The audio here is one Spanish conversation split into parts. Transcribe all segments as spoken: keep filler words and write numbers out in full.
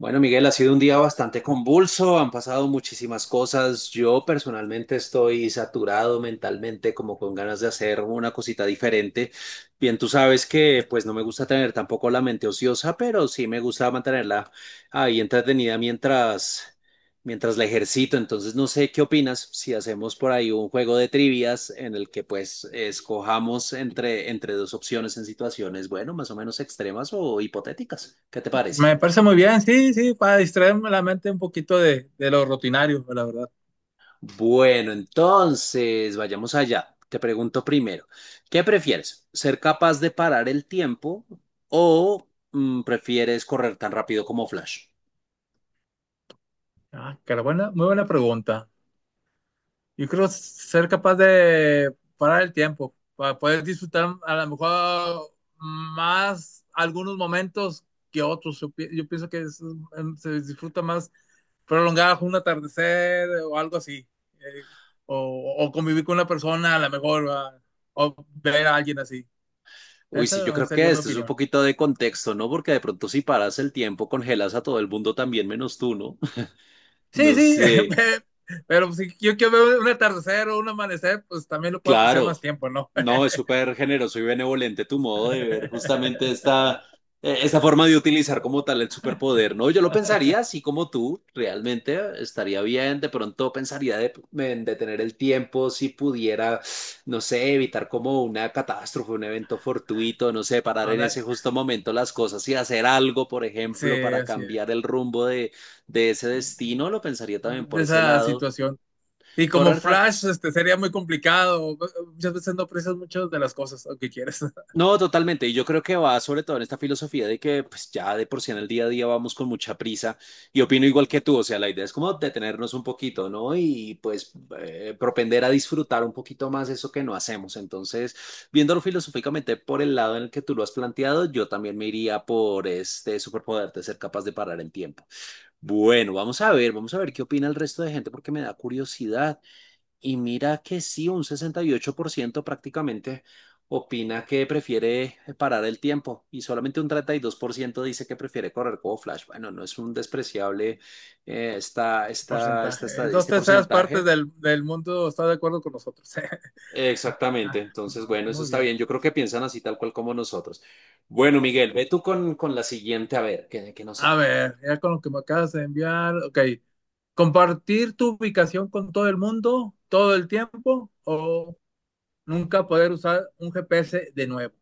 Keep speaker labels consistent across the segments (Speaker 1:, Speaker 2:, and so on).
Speaker 1: Bueno, Miguel, ha sido un día bastante convulso, han pasado muchísimas cosas. Yo personalmente estoy saturado mentalmente, como con ganas de hacer una cosita diferente. Bien, tú sabes que pues no me gusta tener tampoco la mente ociosa, pero sí me gusta mantenerla ahí entretenida mientras mientras la ejercito. Entonces, no sé qué opinas si hacemos por ahí un juego de trivias en el que pues escojamos entre entre dos opciones en situaciones, bueno, más o menos extremas o hipotéticas. ¿Qué te parece?
Speaker 2: Me parece muy bien, sí, sí, para distraerme la mente un poquito de, de lo rutinario, la verdad.
Speaker 1: Bueno, entonces, vayamos allá. Te pregunto primero, ¿qué prefieres? ¿Ser capaz de parar el tiempo o mm, prefieres correr tan rápido como Flash?
Speaker 2: Ah, cara, buena, muy buena pregunta. Yo creo ser capaz de parar el tiempo, para poder disfrutar a lo mejor más algunos momentos que otros. Yo, pi- yo pienso que es- se disfruta más prolongar un atardecer o algo así. eh, o, o convivir con una persona, a lo mejor, ¿verdad? O ver a alguien así.
Speaker 1: Uy, sí, yo
Speaker 2: Esa
Speaker 1: creo que
Speaker 2: sería mi
Speaker 1: esto es un
Speaker 2: opinión.
Speaker 1: poquito de contexto, ¿no? Porque de pronto si paras el tiempo, congelas a todo el mundo también menos tú, ¿no?
Speaker 2: Sí,
Speaker 1: No
Speaker 2: sí,
Speaker 1: sé.
Speaker 2: pe- pero si yo quiero ver un atardecer o un amanecer, pues también lo puedo apreciar
Speaker 1: Claro,
Speaker 2: más tiempo, ¿no?
Speaker 1: no, es súper generoso y benevolente tu modo de ver justamente esta, eh, esta forma de utilizar como tal el superpoder, ¿no? Yo lo pensaría así como tú, realmente estaría bien, de pronto pensaría de, en detener el tiempo si pudiera, no sé, evitar como una catástrofe, un evento fortuito, no sé, parar en
Speaker 2: Ándale.
Speaker 1: ese justo momento las cosas y hacer algo, por ejemplo,
Speaker 2: Sí,
Speaker 1: para
Speaker 2: así es.
Speaker 1: cambiar el rumbo de, de ese destino, lo pensaría también por
Speaker 2: De
Speaker 1: ese
Speaker 2: esa
Speaker 1: lado.
Speaker 2: situación. Y como
Speaker 1: Correcto,
Speaker 2: Flash, este, sería muy complicado. Muchas veces no aprecias muchas de las cosas, aunque quieres.
Speaker 1: No, totalmente. Y yo creo que va sobre todo en esta filosofía de que pues ya de por sí en el día a día vamos con mucha prisa y opino igual que tú. O sea, la idea es como detenernos un poquito, ¿no? Y pues eh, propender a disfrutar un poquito más eso que no hacemos. Entonces, viéndolo filosóficamente por el lado en el que tú lo has planteado, yo también me iría por este superpoder de ser capaz de parar el tiempo. Bueno, vamos a ver, vamos a ver qué opina el resto de gente porque me da curiosidad. Y mira que sí, un sesenta y ocho por ciento prácticamente opina que prefiere parar el tiempo y solamente un treinta y dos por ciento dice que prefiere correr como Flash. Bueno, no es un despreciable eh, esta- esta- esta-
Speaker 2: Porcentaje.
Speaker 1: esta-
Speaker 2: Dos
Speaker 1: este
Speaker 2: terceras partes
Speaker 1: porcentaje.
Speaker 2: del, del mundo está de acuerdo con nosotros.
Speaker 1: Exactamente,
Speaker 2: Ah,
Speaker 1: entonces
Speaker 2: no,
Speaker 1: bueno, eso
Speaker 2: muy
Speaker 1: está
Speaker 2: bien.
Speaker 1: bien. Yo creo que piensan así tal cual como nosotros. Bueno, Miguel, ve tú con, con la siguiente, a ver, que, que nos
Speaker 2: A
Speaker 1: sale.
Speaker 2: ver, ya con lo que me acabas de enviar, ok. ¿Compartir tu ubicación con todo el mundo todo el tiempo o nunca poder usar un G P S de nuevo?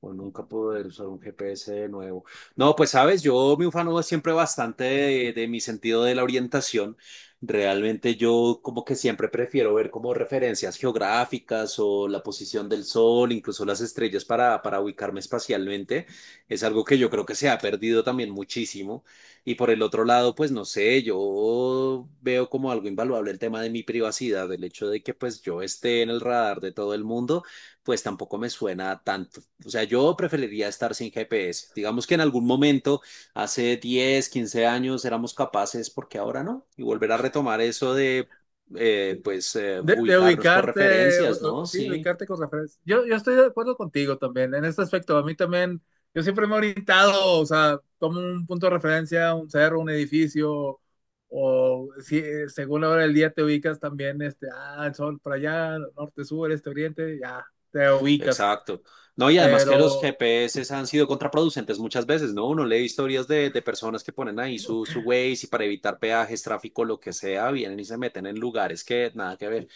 Speaker 1: O nunca poder usar un G P S de nuevo. No, pues sabes, yo me ufano siempre bastante de, de mi sentido de la orientación. Realmente yo como que siempre prefiero ver como referencias geográficas o la posición del sol, incluso las estrellas para, para ubicarme espacialmente. Es algo que yo creo que se ha perdido también muchísimo. Y por el otro lado, pues no sé, yo veo como algo invaluable el tema de mi privacidad, el hecho de que pues yo esté en el radar de todo el mundo pues tampoco me suena tan o sea, yo preferiría estar sin G P S. Digamos que en algún momento, hace diez, quince años, éramos capaces, porque ahora, ¿no? Y volver a retomar eso de, eh, pues, eh,
Speaker 2: De, de
Speaker 1: ubicarnos por
Speaker 2: ubicarte, u-
Speaker 1: referencias, ¿no?
Speaker 2: u- Sí,
Speaker 1: Sí.
Speaker 2: ubicarte con referencia. Yo, yo estoy de acuerdo contigo también en este aspecto. A mí también, yo siempre me he orientado, o sea, como un punto de referencia, un cerro, un edificio, o si eh, según la hora del día te ubicas también, este, ah, el sol para allá, norte, sur, este, oriente, ya, te ubicas.
Speaker 1: Exacto. No, y además que los
Speaker 2: Pero
Speaker 1: G P S han sido contraproducentes muchas veces, ¿no? Uno lee historias de, de personas que ponen ahí su, su Waze y para evitar peajes, tráfico, lo que sea, vienen y se meten en lugares que nada que ver.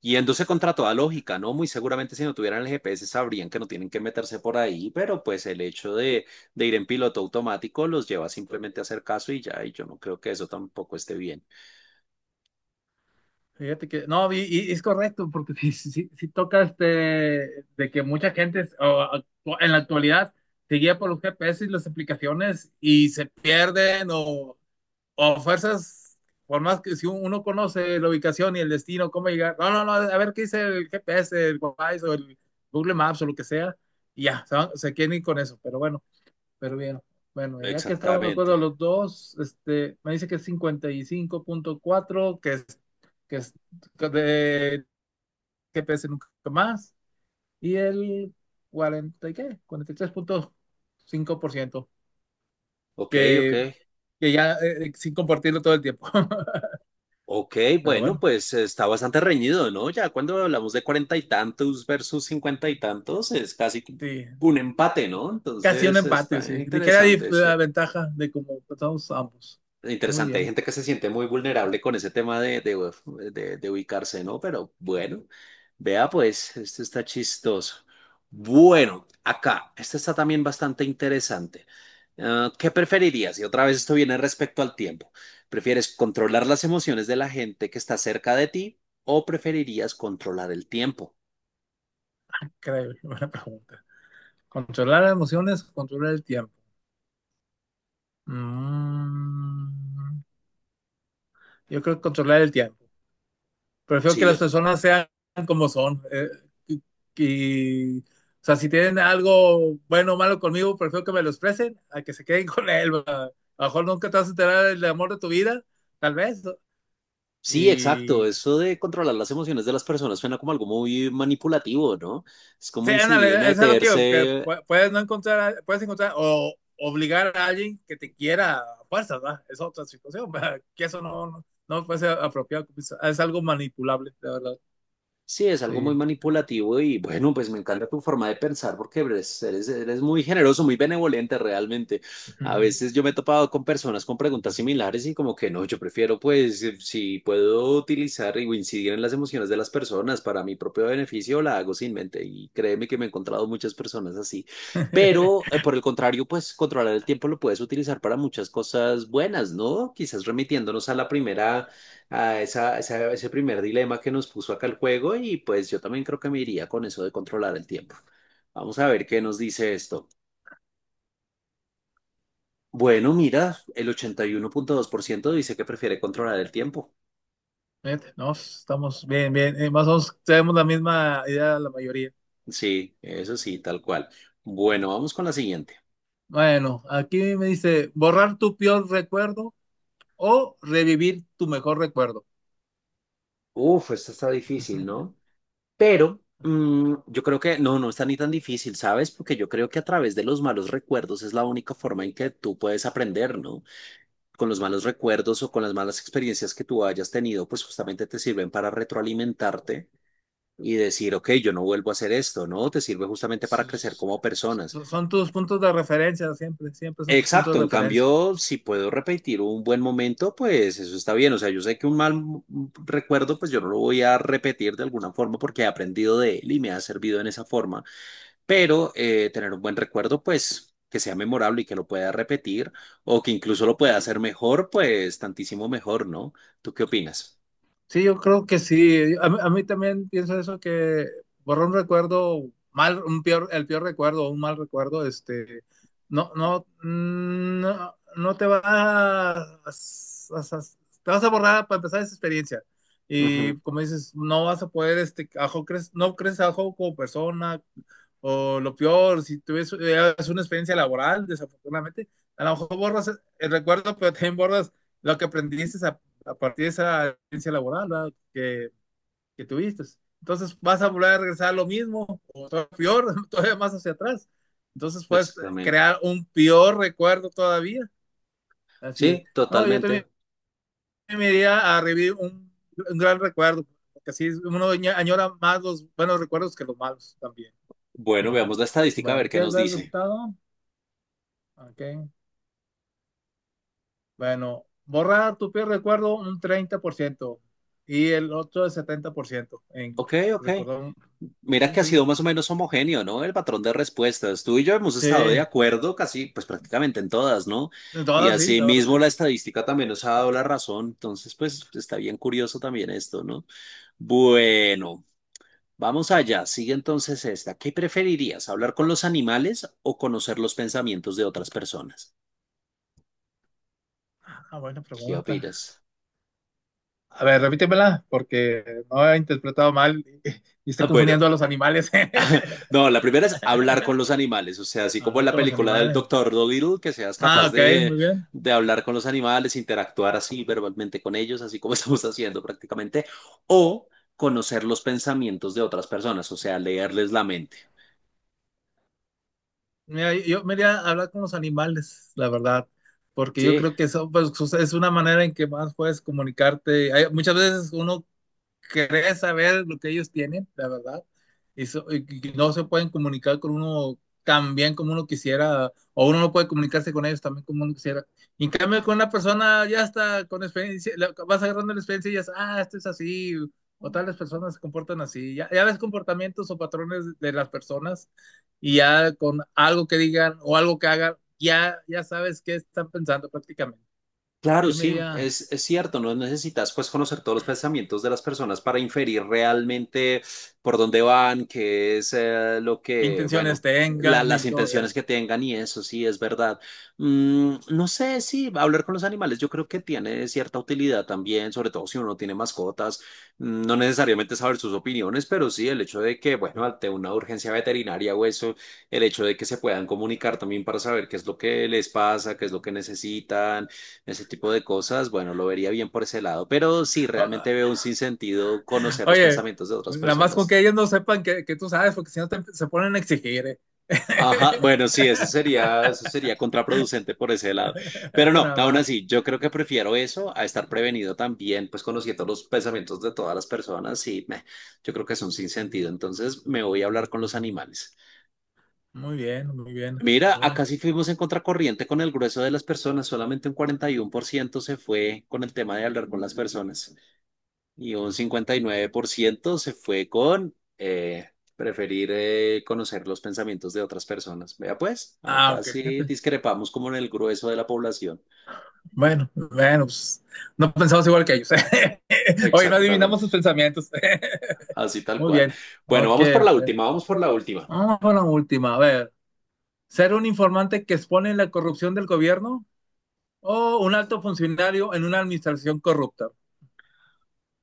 Speaker 1: Yéndose contra toda lógica, ¿no? Muy seguramente si no tuvieran el G P S sabrían que no tienen que meterse por ahí, pero pues el hecho de, de ir en piloto automático los lleva simplemente a hacer caso y ya, y yo no creo que eso tampoco esté bien.
Speaker 2: fíjate que, no, y, y es correcto, porque si, si, si toca este, de que mucha gente o, actu- en la actualidad se guía por los G P S y las aplicaciones y se pierden o, o fuerzas, por más que si uno conoce la ubicación y el destino, cómo llegar, no, no, no, a ver qué dice el G P S, el Waze o el Google Maps o lo que sea, y ya, se, van- se quieren ir con eso, pero bueno. Pero bien, bueno, ya que estamos de
Speaker 1: Exactamente.
Speaker 2: acuerdo los dos, este, me dice que es cincuenta y cinco punto cuatro, que es, que es que de que pese nunca más, y el cuarenta, ¿y qué? Cuarenta y tres punto cinco por ciento
Speaker 1: Ok, ok.
Speaker 2: que, que ya eh, eh, sin compartirlo todo el tiempo.
Speaker 1: Ok,
Speaker 2: Pero
Speaker 1: bueno,
Speaker 2: bueno,
Speaker 1: pues está bastante reñido, ¿no? Ya cuando hablamos de cuarenta y tantos versus cincuenta y tantos, es casi
Speaker 2: sí,
Speaker 1: un empate, ¿no?
Speaker 2: casi un
Speaker 1: Entonces
Speaker 2: empate,
Speaker 1: está
Speaker 2: sí. Dijera dif-
Speaker 1: interesante, sí.
Speaker 2: la ventaja de cómo empezamos ambos. Muy
Speaker 1: Interesante, hay
Speaker 2: bien,
Speaker 1: gente que se siente muy vulnerable con ese tema de, de, de- de ubicarse, ¿no? Pero bueno, vea pues, esto está chistoso. Bueno, acá, esto está también bastante interesante. Ah, ¿qué preferirías? Y otra vez esto viene respecto al tiempo. ¿Prefieres controlar las emociones de la gente que está cerca de ti o preferirías controlar el tiempo?
Speaker 2: increíble, buena pregunta. Controlar las emociones, controlar el tiempo. Mm, yo creo que controlar el tiempo. Prefiero que
Speaker 1: Sí, yo
Speaker 2: las
Speaker 1: también.
Speaker 2: personas sean como son. eh, y, y, o sea, si tienen algo bueno o malo conmigo, prefiero que me lo expresen a que se queden con él. ¿Verdad? A lo mejor nunca te vas a enterar del amor de tu vida, tal vez. ¿No?
Speaker 1: Sí, exacto.
Speaker 2: Y
Speaker 1: Eso de controlar las emociones de las personas suena como algo muy manipulativo, ¿no? Es como
Speaker 2: sí,
Speaker 1: incidir y
Speaker 2: ándale, es lo que digo, que
Speaker 1: meterse.
Speaker 2: pu- puedes no encontrar, puedes encontrar o obligar a alguien que te quiera a fuerzas, ¿verdad? Es otra situación, ¿verdad? Que eso no, no, no me parece apropiado, es algo manipulable, la verdad.
Speaker 1: Sí, es algo muy
Speaker 2: Sí.
Speaker 1: manipulativo y bueno, pues me encanta tu forma de pensar porque eres, eres, eres muy generoso, muy benevolente realmente. A veces yo me he topado con personas con preguntas similares y como que no, yo prefiero pues eh, si puedo utilizar y incidir en las emociones de las personas para mi propio beneficio, la hago sin mente y créeme que me he encontrado muchas personas así. Pero eh, por el contrario, pues controlar el tiempo lo puedes utilizar para muchas cosas buenas, ¿no? Quizás remitiéndonos a la primera a esa, esa- ese primer dilema que nos puso acá el juego y pues yo también creo que me iría con eso de controlar el tiempo. Vamos a ver qué nos dice esto. Bueno, mira, el ochenta y uno punto dos por ciento dice que prefiere controlar el tiempo.
Speaker 2: Fíjate, no, estamos bien, bien. eh, más o menos tenemos la misma idea la mayoría.
Speaker 1: Sí, eso sí, tal cual. Bueno, vamos con la siguiente.
Speaker 2: Bueno, aquí me dice borrar tu peor recuerdo o revivir tu mejor recuerdo.
Speaker 1: Uf, esta está difícil, ¿no? Pero mm, yo creo que no, no está ni tan difícil, ¿sabes? Porque yo creo que a través de los malos recuerdos es la única forma en que tú puedes aprender, no con los malos recuerdos o con las malas experiencias que tú hayas tenido, pues justamente te sirven para retroalimentarte y decir, ok, yo no vuelvo a hacer esto, ¿no? Te sirve justamente para crecer
Speaker 2: Sus-
Speaker 1: como personas.
Speaker 2: Son tus puntos de referencia, siempre, siempre son tus puntos
Speaker 1: Exacto,
Speaker 2: de
Speaker 1: en
Speaker 2: referencia.
Speaker 1: cambio, si puedo repetir un buen momento, pues eso está bien. O sea, yo sé que un mal recuerdo, pues yo no lo voy a repetir de alguna forma porque he aprendido de él y me ha servido en esa forma, pero eh, tener un buen recuerdo, pues que sea memorable y que lo pueda repetir o que incluso lo pueda hacer mejor, pues tantísimo mejor, ¿no? ¿Tú qué opinas?
Speaker 2: Sí, yo creo que sí. A, mí a mí también pienso eso, que borrar un recuerdo mal, un peor, el peor recuerdo, un mal recuerdo, este, no, no, mm, no, no te va a, a- a- te vas a borrar para empezar esa experiencia.
Speaker 1: Ujú,
Speaker 2: Y como dices, no vas a poder, este, ajo, crees, no creces ajo como persona, o lo peor, si tuvieras una experiencia laboral, desafortunadamente, a lo mejor borras eh, el recuerdo, pero también borras lo que aprendiste a, a partir de esa experiencia laboral, ¿verdad? que, que tuviste. Entonces vas a volver a regresar a lo mismo, o todavía peor, todavía más hacia atrás. Entonces puedes
Speaker 1: exactamente.
Speaker 2: crear un peor recuerdo todavía. Así es.
Speaker 1: Sí,
Speaker 2: No, yo
Speaker 1: totalmente.
Speaker 2: también me iría a revivir un, un gran recuerdo, porque así uno añora más los buenos recuerdos que los malos también. Uh
Speaker 1: Bueno,
Speaker 2: -huh.
Speaker 1: veamos la estadística a ver
Speaker 2: Bueno,
Speaker 1: qué
Speaker 2: ¿quieres
Speaker 1: nos
Speaker 2: ver el
Speaker 1: dice.
Speaker 2: resultado? Ok. Bueno, borrar tu peor recuerdo un treinta por ciento y el otro el setenta por ciento en
Speaker 1: Ok, ok.
Speaker 2: recordar. Un-
Speaker 1: Mira
Speaker 2: Sí,
Speaker 1: que ha
Speaker 2: sí.
Speaker 1: sido más o menos homogéneo, ¿no? El patrón de respuestas. Tú y yo hemos estado de
Speaker 2: Sí.
Speaker 1: acuerdo casi, pues prácticamente en todas, ¿no?
Speaker 2: En
Speaker 1: Y
Speaker 2: todas, sí, la verdad, sí.
Speaker 1: asimismo la estadística también nos ha dado la razón. Entonces, pues está bien curioso también esto, ¿no? Bueno. Vamos allá, sigue entonces esta. ¿Qué preferirías, hablar con los animales o conocer los pensamientos de otras personas?
Speaker 2: Ah, buena
Speaker 1: ¿Qué
Speaker 2: pregunta.
Speaker 1: opinas?
Speaker 2: A ver, repítemela, porque no he interpretado mal y, y estoy
Speaker 1: Ah, Bueno,
Speaker 2: confundiendo a los animales.
Speaker 1: no, la primera es hablar con los animales, o sea, así como en
Speaker 2: Hablar
Speaker 1: la
Speaker 2: con los
Speaker 1: película del
Speaker 2: animales.
Speaker 1: Doctor Dolittle, que seas
Speaker 2: Ah,
Speaker 1: capaz
Speaker 2: ok,
Speaker 1: de,
Speaker 2: muy bien.
Speaker 1: de hablar con los animales, interactuar así verbalmente con ellos, así como estamos haciendo prácticamente, o conocer los pensamientos de otras personas, o sea, leerles la mente.
Speaker 2: Mira, yo me iría a hablar con los animales, la verdad, porque yo
Speaker 1: Sí,
Speaker 2: creo que eso pues, es una manera en que más puedes comunicarte. Hay- muchas veces uno querer saber lo que ellos tienen, la verdad. Y, so, y no se pueden comunicar con uno tan bien como uno quisiera, o uno no puede comunicarse con ellos también como uno quisiera. Y en cambio, con una persona ya está con experiencia, vas agarrando la experiencia y ya, ah, esto es así, o tales personas se comportan así. Ya, ya ves comportamientos o patrones de las personas y ya con algo que digan o algo que hagan, ya, ya sabes qué están pensando prácticamente.
Speaker 1: Claro,
Speaker 2: Yo me
Speaker 1: sí,
Speaker 2: diría,
Speaker 1: es, es cierto, no necesitas pues conocer todos los pensamientos de las personas para inferir realmente por dónde van, qué es eh, lo
Speaker 2: qué
Speaker 1: que,
Speaker 2: intenciones
Speaker 1: bueno, la-
Speaker 2: tengan
Speaker 1: las
Speaker 2: y todo
Speaker 1: intenciones
Speaker 2: eso.
Speaker 1: que tengan y eso sí es verdad. Mm, no sé, sí, hablar con los animales yo creo que tiene cierta utilidad también, sobre todo si uno tiene mascotas. Mm, no necesariamente saber sus opiniones, pero sí el hecho de que, bueno, ante una urgencia veterinaria o eso, el hecho de que se puedan comunicar también para saber qué es lo que les pasa, qué es lo que necesitan, ese tipo de cosas, bueno, lo vería bien por ese lado, pero sí,
Speaker 2: Ah,
Speaker 1: realmente veo un sinsentido conocer los
Speaker 2: oye,
Speaker 1: pensamientos de otras
Speaker 2: nada más con que
Speaker 1: personas.
Speaker 2: ellos no sepan que, que tú sabes, porque si no te- se ponen a exigir. ¿Eh?
Speaker 1: Ajá, bueno, sí, eso sería, eso sería contraproducente por ese lado. Pero no,
Speaker 2: Nada
Speaker 1: aún
Speaker 2: más.
Speaker 1: así, yo creo que prefiero eso a estar prevenido también, pues conociendo los pensamientos de todas las personas y meh, yo creo que es un sinsentido. Entonces me voy a hablar con los animales.
Speaker 2: Muy bien, muy bien.
Speaker 1: Mira,
Speaker 2: Bien.
Speaker 1: acá sí fuimos en contracorriente con el grueso de las personas, solamente un cuarenta y uno por ciento se fue con el tema de hablar con las personas. Y un cincuenta y nueve por ciento se fue con eh, preferir eh, conocer los pensamientos de otras personas. Vea pues,
Speaker 2: Ah,
Speaker 1: acá
Speaker 2: ok.
Speaker 1: sí
Speaker 2: Fíjate.
Speaker 1: discrepamos como en el grueso de la población.
Speaker 2: Bueno, bueno, pues no pensamos igual que ellos. Oye, no adivinamos
Speaker 1: Exactamente,
Speaker 2: sus pensamientos.
Speaker 1: así tal
Speaker 2: Muy
Speaker 1: cual.
Speaker 2: bien.
Speaker 1: Bueno,
Speaker 2: Ok.
Speaker 1: vamos por la última, vamos por la última.
Speaker 2: Vamos con la última. A ver. ¿Ser un informante que expone la corrupción del gobierno o un alto funcionario en una administración corrupta?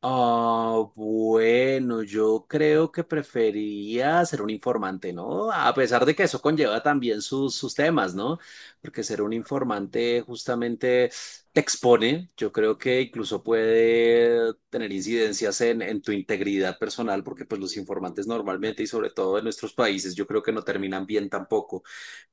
Speaker 1: Ah, bueno, yo creo que prefería ser un informante, ¿no? A pesar de que eso conlleva también sus, sus temas, ¿no? Porque ser un informante justamente te expone, yo creo que incluso puede tener incidencias en, en tu integridad personal, porque pues los informantes normalmente y sobre todo en nuestros países, yo creo que no terminan bien tampoco.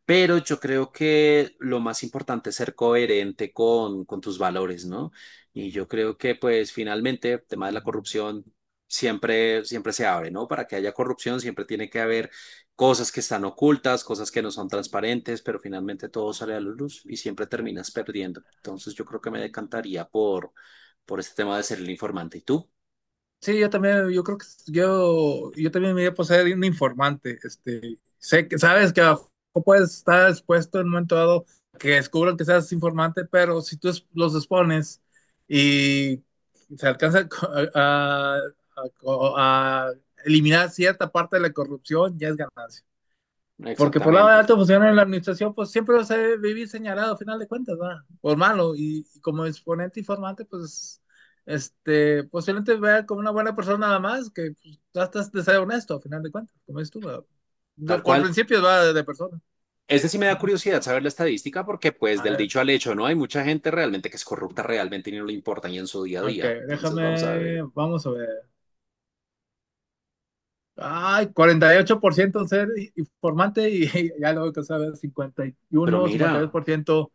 Speaker 1: Pero yo creo que lo más importante es ser coherente con, con tus valores, ¿no? Y yo creo que, pues, finalmente, el tema de la corrupción siempre, siempre se abre, ¿no? Para que haya corrupción siempre tiene que haber cosas que están ocultas, cosas que no son transparentes, pero finalmente todo sale a la luz y siempre terminas perdiendo. Entonces, yo creo que me decantaría por, por este tema de ser el informante. ¿Y tú?
Speaker 2: Sí, yo también, yo creo que yo, yo también me voy a poseer un informante. Este, sé que sabes que a lo mejor puedes estar expuesto en un momento dado que descubran que seas informante, pero si tú es- los expones y se alcanza a a- a- a eliminar cierta parte de la corrupción, ya es ganancia. Porque por lado de
Speaker 1: Exactamente.
Speaker 2: alto funcionario en la administración, pues siempre vas a vivir señalado, a final de cuentas, ¿verdad? Por malo. Y, y como exponente y formante, pues, este, posiblemente vea como una buena persona nada más, que pues, tratas de ser honesto, a final de cuentas, como es tú, ¿verdad?
Speaker 1: Tal
Speaker 2: Yo, Por
Speaker 1: cual.
Speaker 2: principios va de, de persona.
Speaker 1: Este sí me da curiosidad saber la estadística porque pues
Speaker 2: A
Speaker 1: del
Speaker 2: ver,
Speaker 1: dicho al hecho, ¿no? Hay mucha gente realmente que es corrupta realmente y no le importa ni en su día a
Speaker 2: ok,
Speaker 1: día. Entonces vamos a
Speaker 2: déjame,
Speaker 1: ver.
Speaker 2: vamos a ver. Ay, cuarenta y ocho por ciento en ser i- informante y, ya luego que sabes, cincuenta cincuenta y y
Speaker 1: Pero
Speaker 2: uno
Speaker 1: mira,
Speaker 2: cincuenta y dos por ciento. O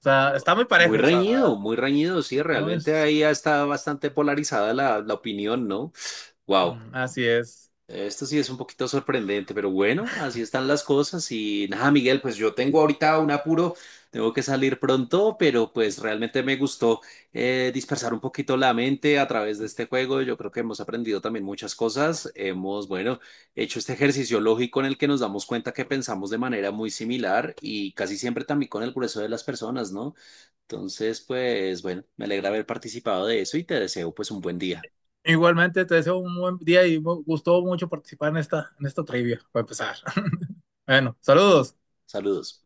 Speaker 2: sea, está muy
Speaker 1: muy
Speaker 2: parejo, o sea,
Speaker 1: reñido, muy reñido, sí,
Speaker 2: no
Speaker 1: realmente
Speaker 2: es.
Speaker 1: ahí ya está bastante polarizada la, la opinión, ¿no? Wow.
Speaker 2: Mm, así es.
Speaker 1: Esto sí es un poquito sorprendente, pero bueno, así están las cosas y nada, Miguel, pues yo tengo ahorita un apuro, tengo que salir pronto, pero pues realmente me gustó eh, dispersar un poquito la mente a través de este juego. Yo creo que hemos aprendido también muchas cosas, hemos, bueno, hecho este ejercicio lógico en el que nos damos cuenta que pensamos de manera muy similar y casi siempre también con el grueso de las personas, ¿no? Entonces, pues bueno, me alegra haber participado de eso y te deseo pues un buen día.
Speaker 2: Igualmente, te deseo un buen día y me gustó mucho participar en esta, en esta trivia, para empezar. Bueno, saludos.
Speaker 1: Saludos.